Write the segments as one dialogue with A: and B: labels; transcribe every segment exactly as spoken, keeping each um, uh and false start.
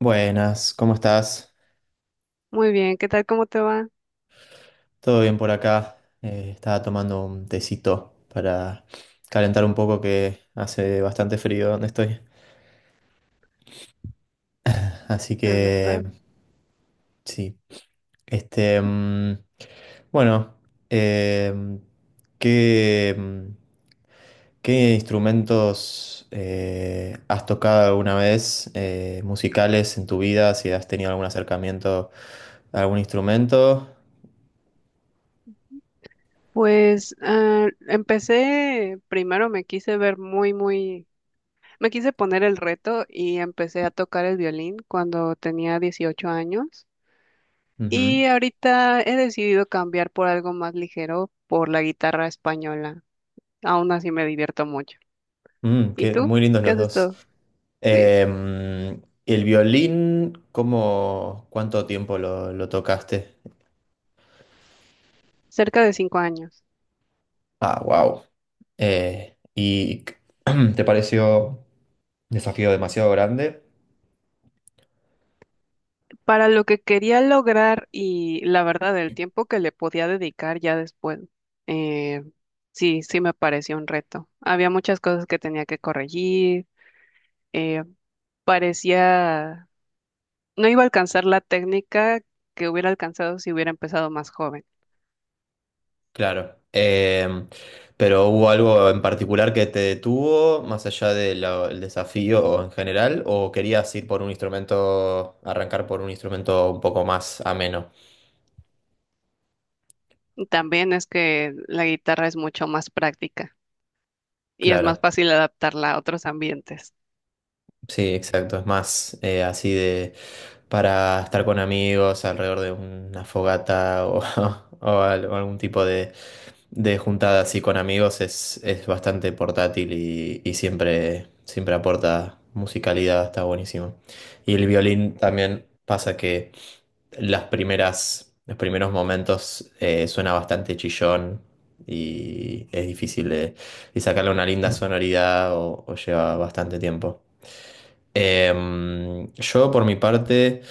A: Buenas, ¿cómo estás?
B: Muy bien, ¿qué tal? ¿Cómo te va?
A: ¿Todo bien por acá? Eh, estaba tomando un tecito para calentar un poco que hace bastante frío donde estoy. Así
B: De
A: que
B: verdad.
A: sí. Este, mm, bueno, em, ¿qué, mm, qué instrumentos eh, has tocado alguna vez eh, musicales en tu vida? Si has tenido algún acercamiento a algún instrumento.
B: Pues ah, empecé, primero me quise ver muy, muy, me quise poner el reto y empecé a tocar el violín cuando tenía dieciocho años
A: Ujú.
B: y ahorita he decidido cambiar por algo más ligero, por la guitarra española. Aún así me divierto mucho.
A: Mm,
B: ¿Y
A: qué,
B: tú?
A: muy lindos
B: ¿Qué
A: los
B: haces
A: dos.
B: todo? Sí,
A: Em, el violín, ¿cómo, cuánto tiempo lo, lo tocaste?
B: cerca de cinco años.
A: Ah, wow. ¿Y te pareció un desafío demasiado grande?
B: Para lo que quería lograr y la verdad, el tiempo que le podía dedicar ya después, eh, sí, sí me parecía un reto. Había muchas cosas que tenía que corregir, eh, parecía, no iba a alcanzar la técnica que hubiera alcanzado si hubiera empezado más joven.
A: Claro. Em, pero ¿hubo algo en particular que te detuvo, más allá del desafío en general, o querías ir por un instrumento, arrancar por un instrumento un poco más ameno?
B: También es que la guitarra es mucho más práctica y es más
A: Claro.
B: fácil adaptarla a otros ambientes.
A: Sí, exacto. Es más eh, así de para estar con amigos alrededor de una fogata, o, o al- o algún tipo de, de juntada así con amigos, es, es bastante portátil y, y siempre, siempre aporta musicalidad, está buenísimo. Y el violín también pasa que las primeras, los primeros momentos eh, suena bastante chillón y es difícil y sacarle una linda sonoridad, o, o lleva bastante tiempo. Em, yo por mi parte,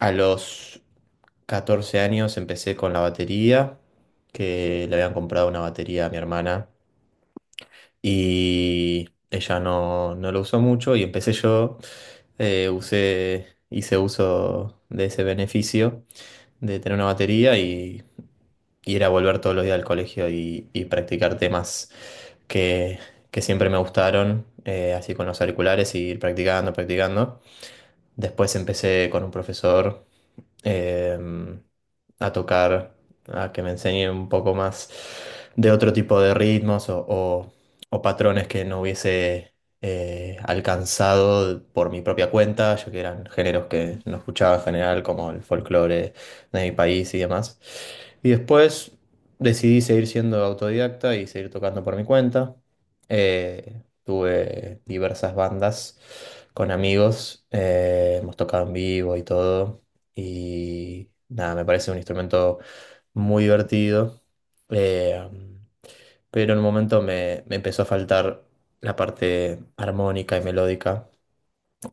A: a los catorce años empecé con la batería, que le habían comprado una batería a mi hermana y ella no, no lo usó mucho y empecé yo, eh, usé, hice uso de ese beneficio de tener una batería y, y era volver todos los días al colegio y, y practicar temas que, que siempre me gustaron, eh, así con los auriculares y ir practicando, practicando. Después empecé con un profesor, em, a tocar, a que me enseñe un poco más de otro tipo de ritmos, o, o o patrones que no hubiese eh, alcanzado por mi propia cuenta, ya que eran géneros que no escuchaba en general, como el folclore de mi país y demás. Y después decidí seguir siendo autodidacta y seguir tocando por mi cuenta. Eh, tuve diversas bandas con amigos, eh, hemos tocado en vivo y todo. Y nada, me parece un instrumento muy divertido. Eh, pero en un momento me, me empezó a faltar la parte armónica y melódica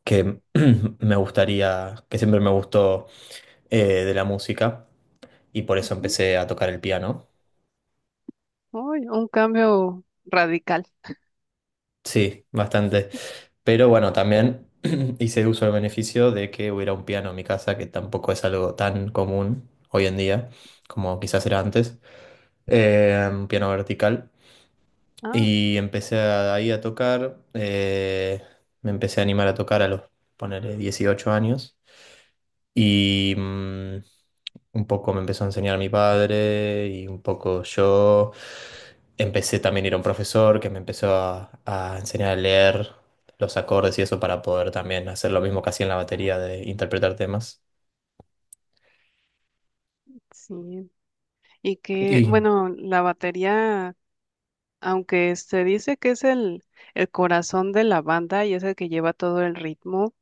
A: que me gustaría, que siempre me gustó eh, de la música, y por eso
B: Ujú.
A: empecé a tocar el piano.
B: Uy, un cambio radical.
A: Sí, bastante. Pero bueno, también hice uso del beneficio de que hubiera un piano en mi casa, que tampoco es algo tan común hoy en día como quizás era antes, eh, un piano vertical.
B: Ah,
A: Y empecé a- ahí a tocar, eh, me empecé a animar a tocar a los, ponele, dieciocho años. Y mm, un poco me empezó a enseñar mi padre y un poco yo. Empecé también a ir a un profesor que me empezó a, a enseñar a leer los acordes y eso para poder también hacer lo mismo que hacía en la batería de interpretar temas.
B: sí. Y que,
A: Y,
B: bueno, la batería, aunque se dice que es el, el corazón de la banda y es el que lleva todo el ritmo,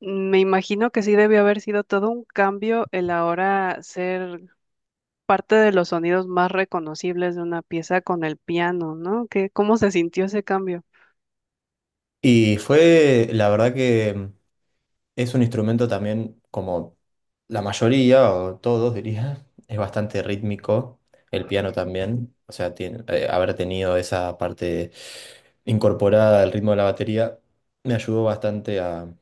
B: me imagino que sí debió haber sido todo un cambio el ahora ser parte de los sonidos más reconocibles de una pieza con el piano, ¿no? ¿Qué, cómo se sintió ese cambio?
A: y fue, la verdad que... Es un instrumento también, como la mayoría, o todos diría, es bastante rítmico. El piano también, o sea, tiene- eh, haber tenido esa parte incorporada al ritmo de la batería me ayudó bastante a,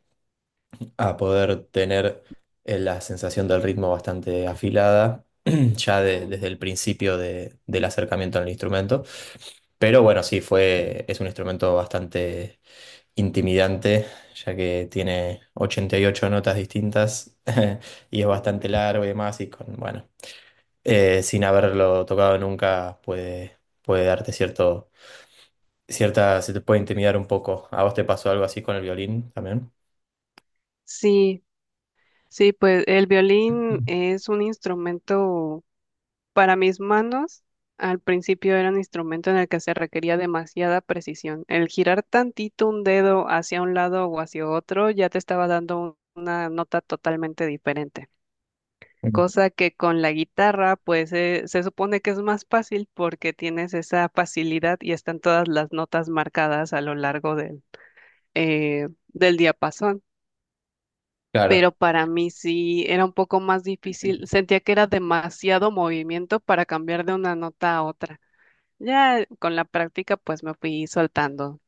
A: a poder tener eh, la sensación del ritmo bastante afilada, ya de- desde el principio de- del acercamiento al instrumento. Pero bueno, sí, fue, es un instrumento bastante intimidante, ya que tiene ochenta y ocho notas distintas y es
B: Uy.
A: bastante largo y demás, y con, bueno, eh, sin haberlo tocado nunca puede, puede darte cierto, cierta, se te puede intimidar un poco. ¿A vos te pasó algo así con el violín también?
B: Sí, sí, pues el violín es un instrumento. Para mis manos, al principio era un instrumento en el que se requería demasiada precisión. El girar tantito un dedo hacia un lado o hacia otro ya te estaba dando un- una nota totalmente diferente.
A: Mm.
B: Cosa que con la guitarra, pues eh, se supone que es más fácil porque tienes esa facilidad y están todas las notas marcadas a lo largo del, eh, del diapasón.
A: Claro.
B: Pero para mí sí era un poco más difícil. Sentía que era demasiado movimiento para cambiar de una nota a otra. Ya con la práctica pues me fui soltando.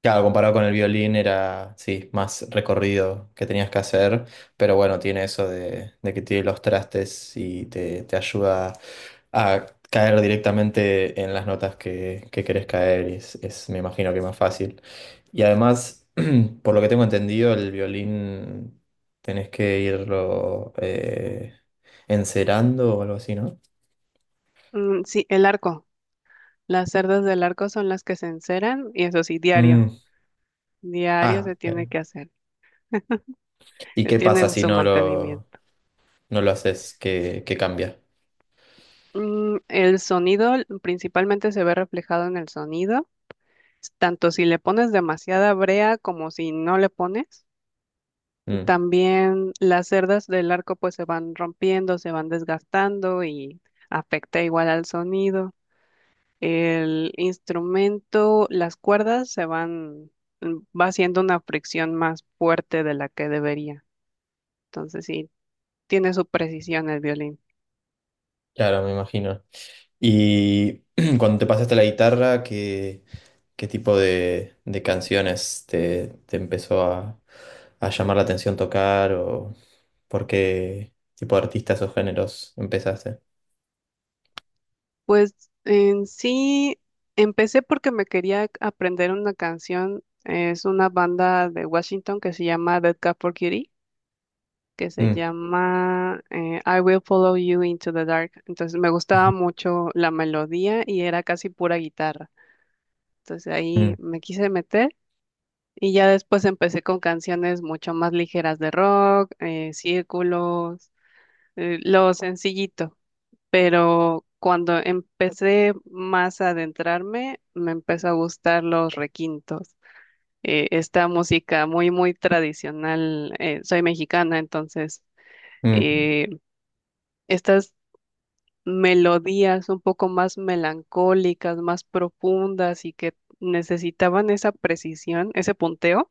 A: Claro, comparado con el violín era, sí, más recorrido que tenías que hacer, pero bueno, tiene eso de, de que tiene los trastes y te, te ayuda a caer directamente en las notas que, que querés caer y es, es, me imagino que más fácil. Y además, por lo que tengo entendido, el violín tenés que irlo eh, encerando o algo así, ¿no?
B: Mm, sí, el arco. Las cerdas del arco son las que se enceran y eso sí, diario.
A: Mm.
B: Diario
A: Ah,
B: se tiene
A: bien.
B: que hacer.
A: ¿Y
B: Se
A: qué pasa
B: tiene
A: si
B: su
A: no lo,
B: mantenimiento.
A: no lo haces? ¿Qué, qué cambia?
B: Mm, el sonido l- principalmente se ve reflejado en el sonido, s- tanto si le pones demasiada brea como si no le pones.
A: Mm.
B: También las cerdas del arco pues se van rompiendo, se van desgastando y afecta igual al sonido. El instrumento, las cuerdas se van, mm, va haciendo una fricción más fuerte de la que debería. Entonces sí, tiene su precisión el violín.
A: Claro, me imagino. Y cuando te pasaste a la guitarra, ¿qué, qué tipo de, de canciones te, te empezó a, a llamar la atención tocar o por qué tipo de artistas o géneros empezaste?
B: Pues en sí, empecé porque me quería aprender una canción. Es una banda de Washington que se llama Dead Cat for Cutie, que se
A: Mm,
B: llama eh, I Will Follow You Into the Dark. Entonces me gustaba mucho la melodía y era casi pura guitarra. Entonces ahí
A: mm,
B: me quise meter. Y ya después empecé con canciones mucho más ligeras de rock, eh, círculos, eh, lo sencillito. Pero cuando empecé más a adentrarme, me empezó a gustar los requintos. Eh, esta música muy, muy tradicional. Eh, soy mexicana, entonces
A: mm,
B: eh, estas melodías un poco más melancólicas, más profundas y que necesitaban esa precisión, ese punteo.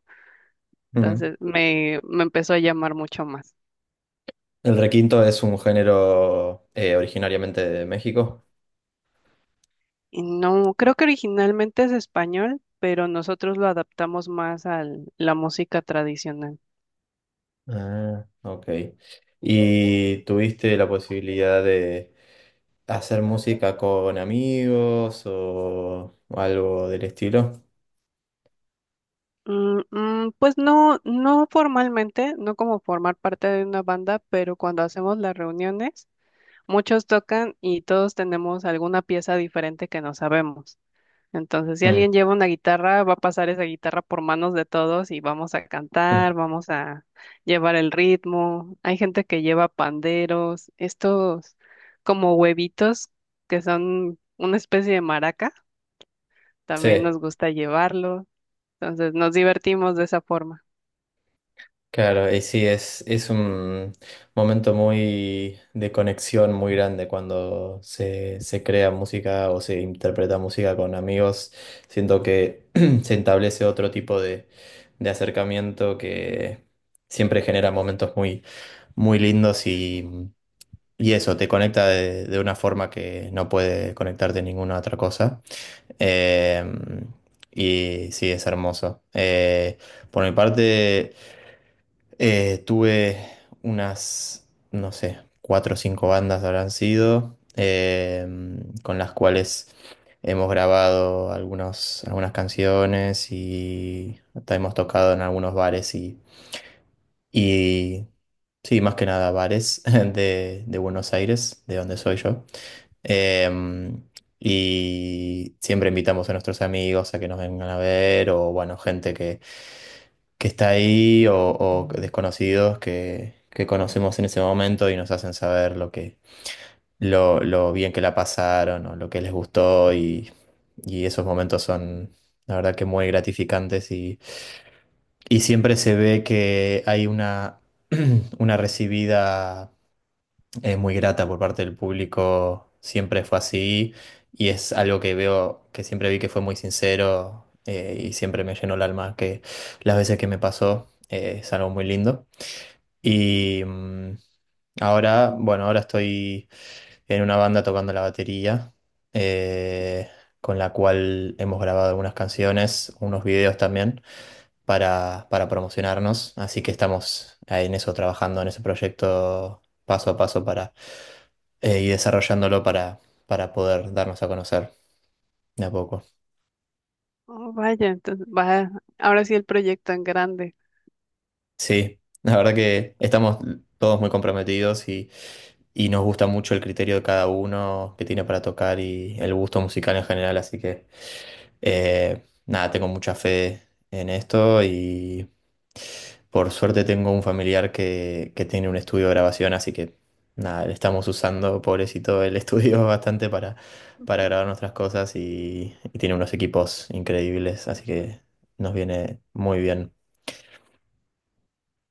A: mm.
B: Entonces me, me empezó a llamar mucho más.
A: ¿El requinto es un género eh, originariamente de México?
B: Y no, creo que originalmente es español, pero nosotros lo adaptamos más a la música tradicional.
A: Ah, ok. ¿Y tuviste la posibilidad de hacer música con amigos o algo del estilo?
B: Mm, mm, pues no, no formalmente, no como formar parte de una banda, pero cuando hacemos las reuniones, muchos tocan y todos tenemos alguna pieza diferente que no sabemos. Entonces, si
A: Mm,
B: alguien lleva una guitarra, va a pasar esa guitarra por manos de todos y vamos a
A: mm.
B: cantar, vamos a llevar el ritmo. Hay gente que lleva panderos, estos como huevitos que son una especie de maraca,
A: Sí,
B: también nos gusta llevarlo. Entonces, nos divertimos de esa forma.
A: claro, y sí, es, es un momento muy de conexión muy grande cuando se, se crea música o se interpreta música con amigos. Siento que se establece otro tipo de, de acercamiento que siempre genera momentos muy muy lindos y, y eso, te conecta de, de una forma que no puede conectarte ninguna otra cosa. Eh, y sí, es hermoso. Eh, por mi parte, eh, tuve unas, no sé, cuatro o cinco bandas habrán sido, eh, con las cuales... Hemos grabado algunos, algunas canciones y hasta hemos tocado en algunos bares y sí, más que nada bares de, de Buenos Aires, de donde soy yo. Em, y siempre invitamos a nuestros amigos a que nos vengan a ver, o bueno, gente que, que está ahí, o, o desconocidos que, que conocemos en ese momento y nos hacen saber lo que, lo, lo bien que la pasaron, o lo que les gustó, y, y esos momentos son, la verdad que muy gratificantes y siempre se ve que hay una, una recibida eh, muy grata por parte del público, siempre fue así y es algo que veo, que siempre vi que fue muy sincero eh, y siempre me llenó el alma, que las veces que me pasó eh, es algo muy lindo. Y mm, ahora, bueno, ahora estoy en una banda tocando la batería, eh, con la cual hemos grabado algunas canciones, unos videos también para, para promocionarnos, así que estamos ahí en eso trabajando, en ese proyecto paso a paso para eh, y desarrollándolo para, para poder darnos a conocer de a poco.
B: Oh, vaya, entonces va, ahora sí el proyecto en grande.
A: Sí, la verdad que estamos todos muy comprometidos y, y nos gusta mucho el criterio de cada uno que tiene para tocar y el gusto musical en general, así que Eh, nada, tengo mucha fe en esto y por suerte tengo un familiar que, que tiene un estudio de grabación, así que nada, le estamos usando, pobrecito, el estudio bastante para, para grabar nuestras cosas y, y tiene unos equipos increíbles, así que nos viene muy bien.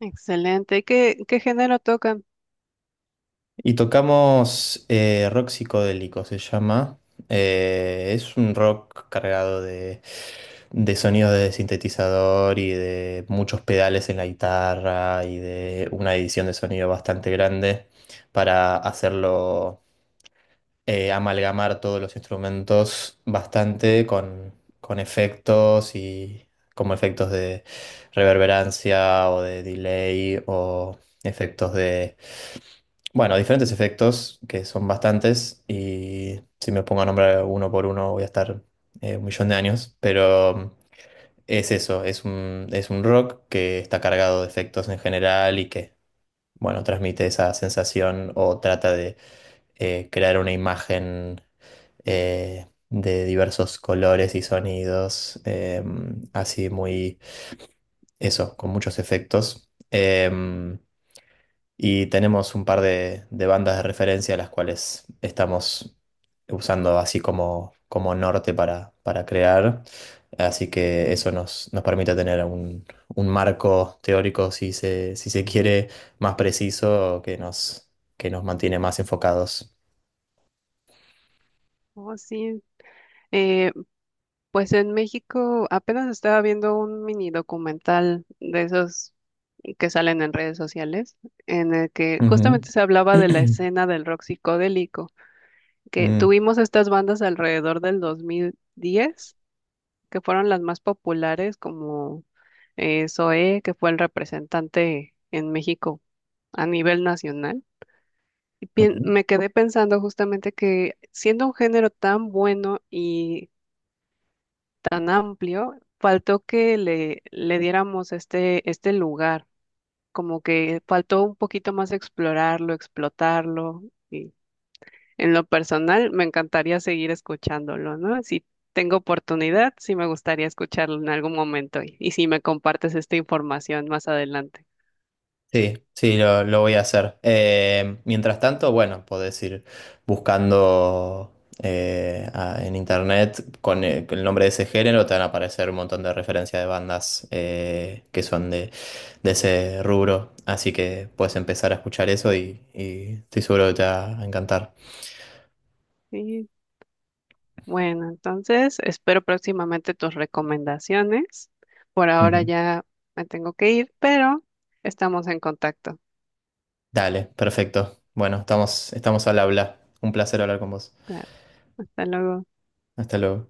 B: Excelente. ¿Qué, qué género tocan?
A: Y tocamos eh, rock psicodélico, se llama. Eh, es un rock cargado de, de sonidos de sintetizador y de muchos pedales en la guitarra y de una edición de sonido bastante grande para hacerlo eh, amalgamar todos los instrumentos bastante con, con efectos y como efectos de reverberancia o de delay o efectos de bueno, diferentes efectos, que son bastantes, y si me pongo a nombrar uno por uno voy a estar eh, un millón de años, pero mm, es eso, es un, es un rock que está cargado de efectos en general y que, bueno, transmite esa sensación o trata de eh, crear una imagen eh, de diversos colores y sonidos, em,
B: Mm,
A: así muy, eso, con muchos efectos. Em, y tenemos un par de, de bandas de referencia las cuales estamos usando así como, como norte para, para crear. Así que
B: mm.
A: eso nos, nos permite tener un, un marco teórico, si se, si se quiere, más preciso que nos, que nos mantiene más enfocados.
B: Oh, sí. Eh, Pues en México apenas estaba viendo un mini documental de esos que salen en redes sociales, en el que
A: Ujú.
B: justamente se hablaba de la escena del rock psicodélico, que tuvimos estas bandas alrededor del dos mil diez, que fueron las más populares, como eh, Zoé, que fue el representante en México a nivel nacional. Y pien-
A: Mm.
B: me quedé pensando justamente que siendo un género tan bueno y tan amplio, faltó que le, le diéramos este, este lugar, como que faltó un poquito más explorarlo, explotarlo. Y en lo personal, me encantaría seguir escuchándolo, ¿no? Si tengo oportunidad, sí me gustaría escucharlo en algún momento y, y si me compartes esta información más adelante.
A: Sí, sí, lo, lo voy a hacer. Eh, mientras tanto, bueno, podés ir buscando eh, a- en internet con el, con el nombre de ese género, te van a aparecer un montón de referencias de bandas eh, que son de, de ese rubro. Así que puedes empezar a escuchar eso y, y estoy seguro que te va a encantar.
B: Y bueno, entonces espero próximamente tus recomendaciones. Por ahora
A: Ujú.
B: ya me tengo que ir, pero estamos en contacto.
A: Dale, perfecto. Bueno, estamos, estamos al habla. Un placer hablar con vos.
B: Claro, hasta luego.
A: Hasta luego.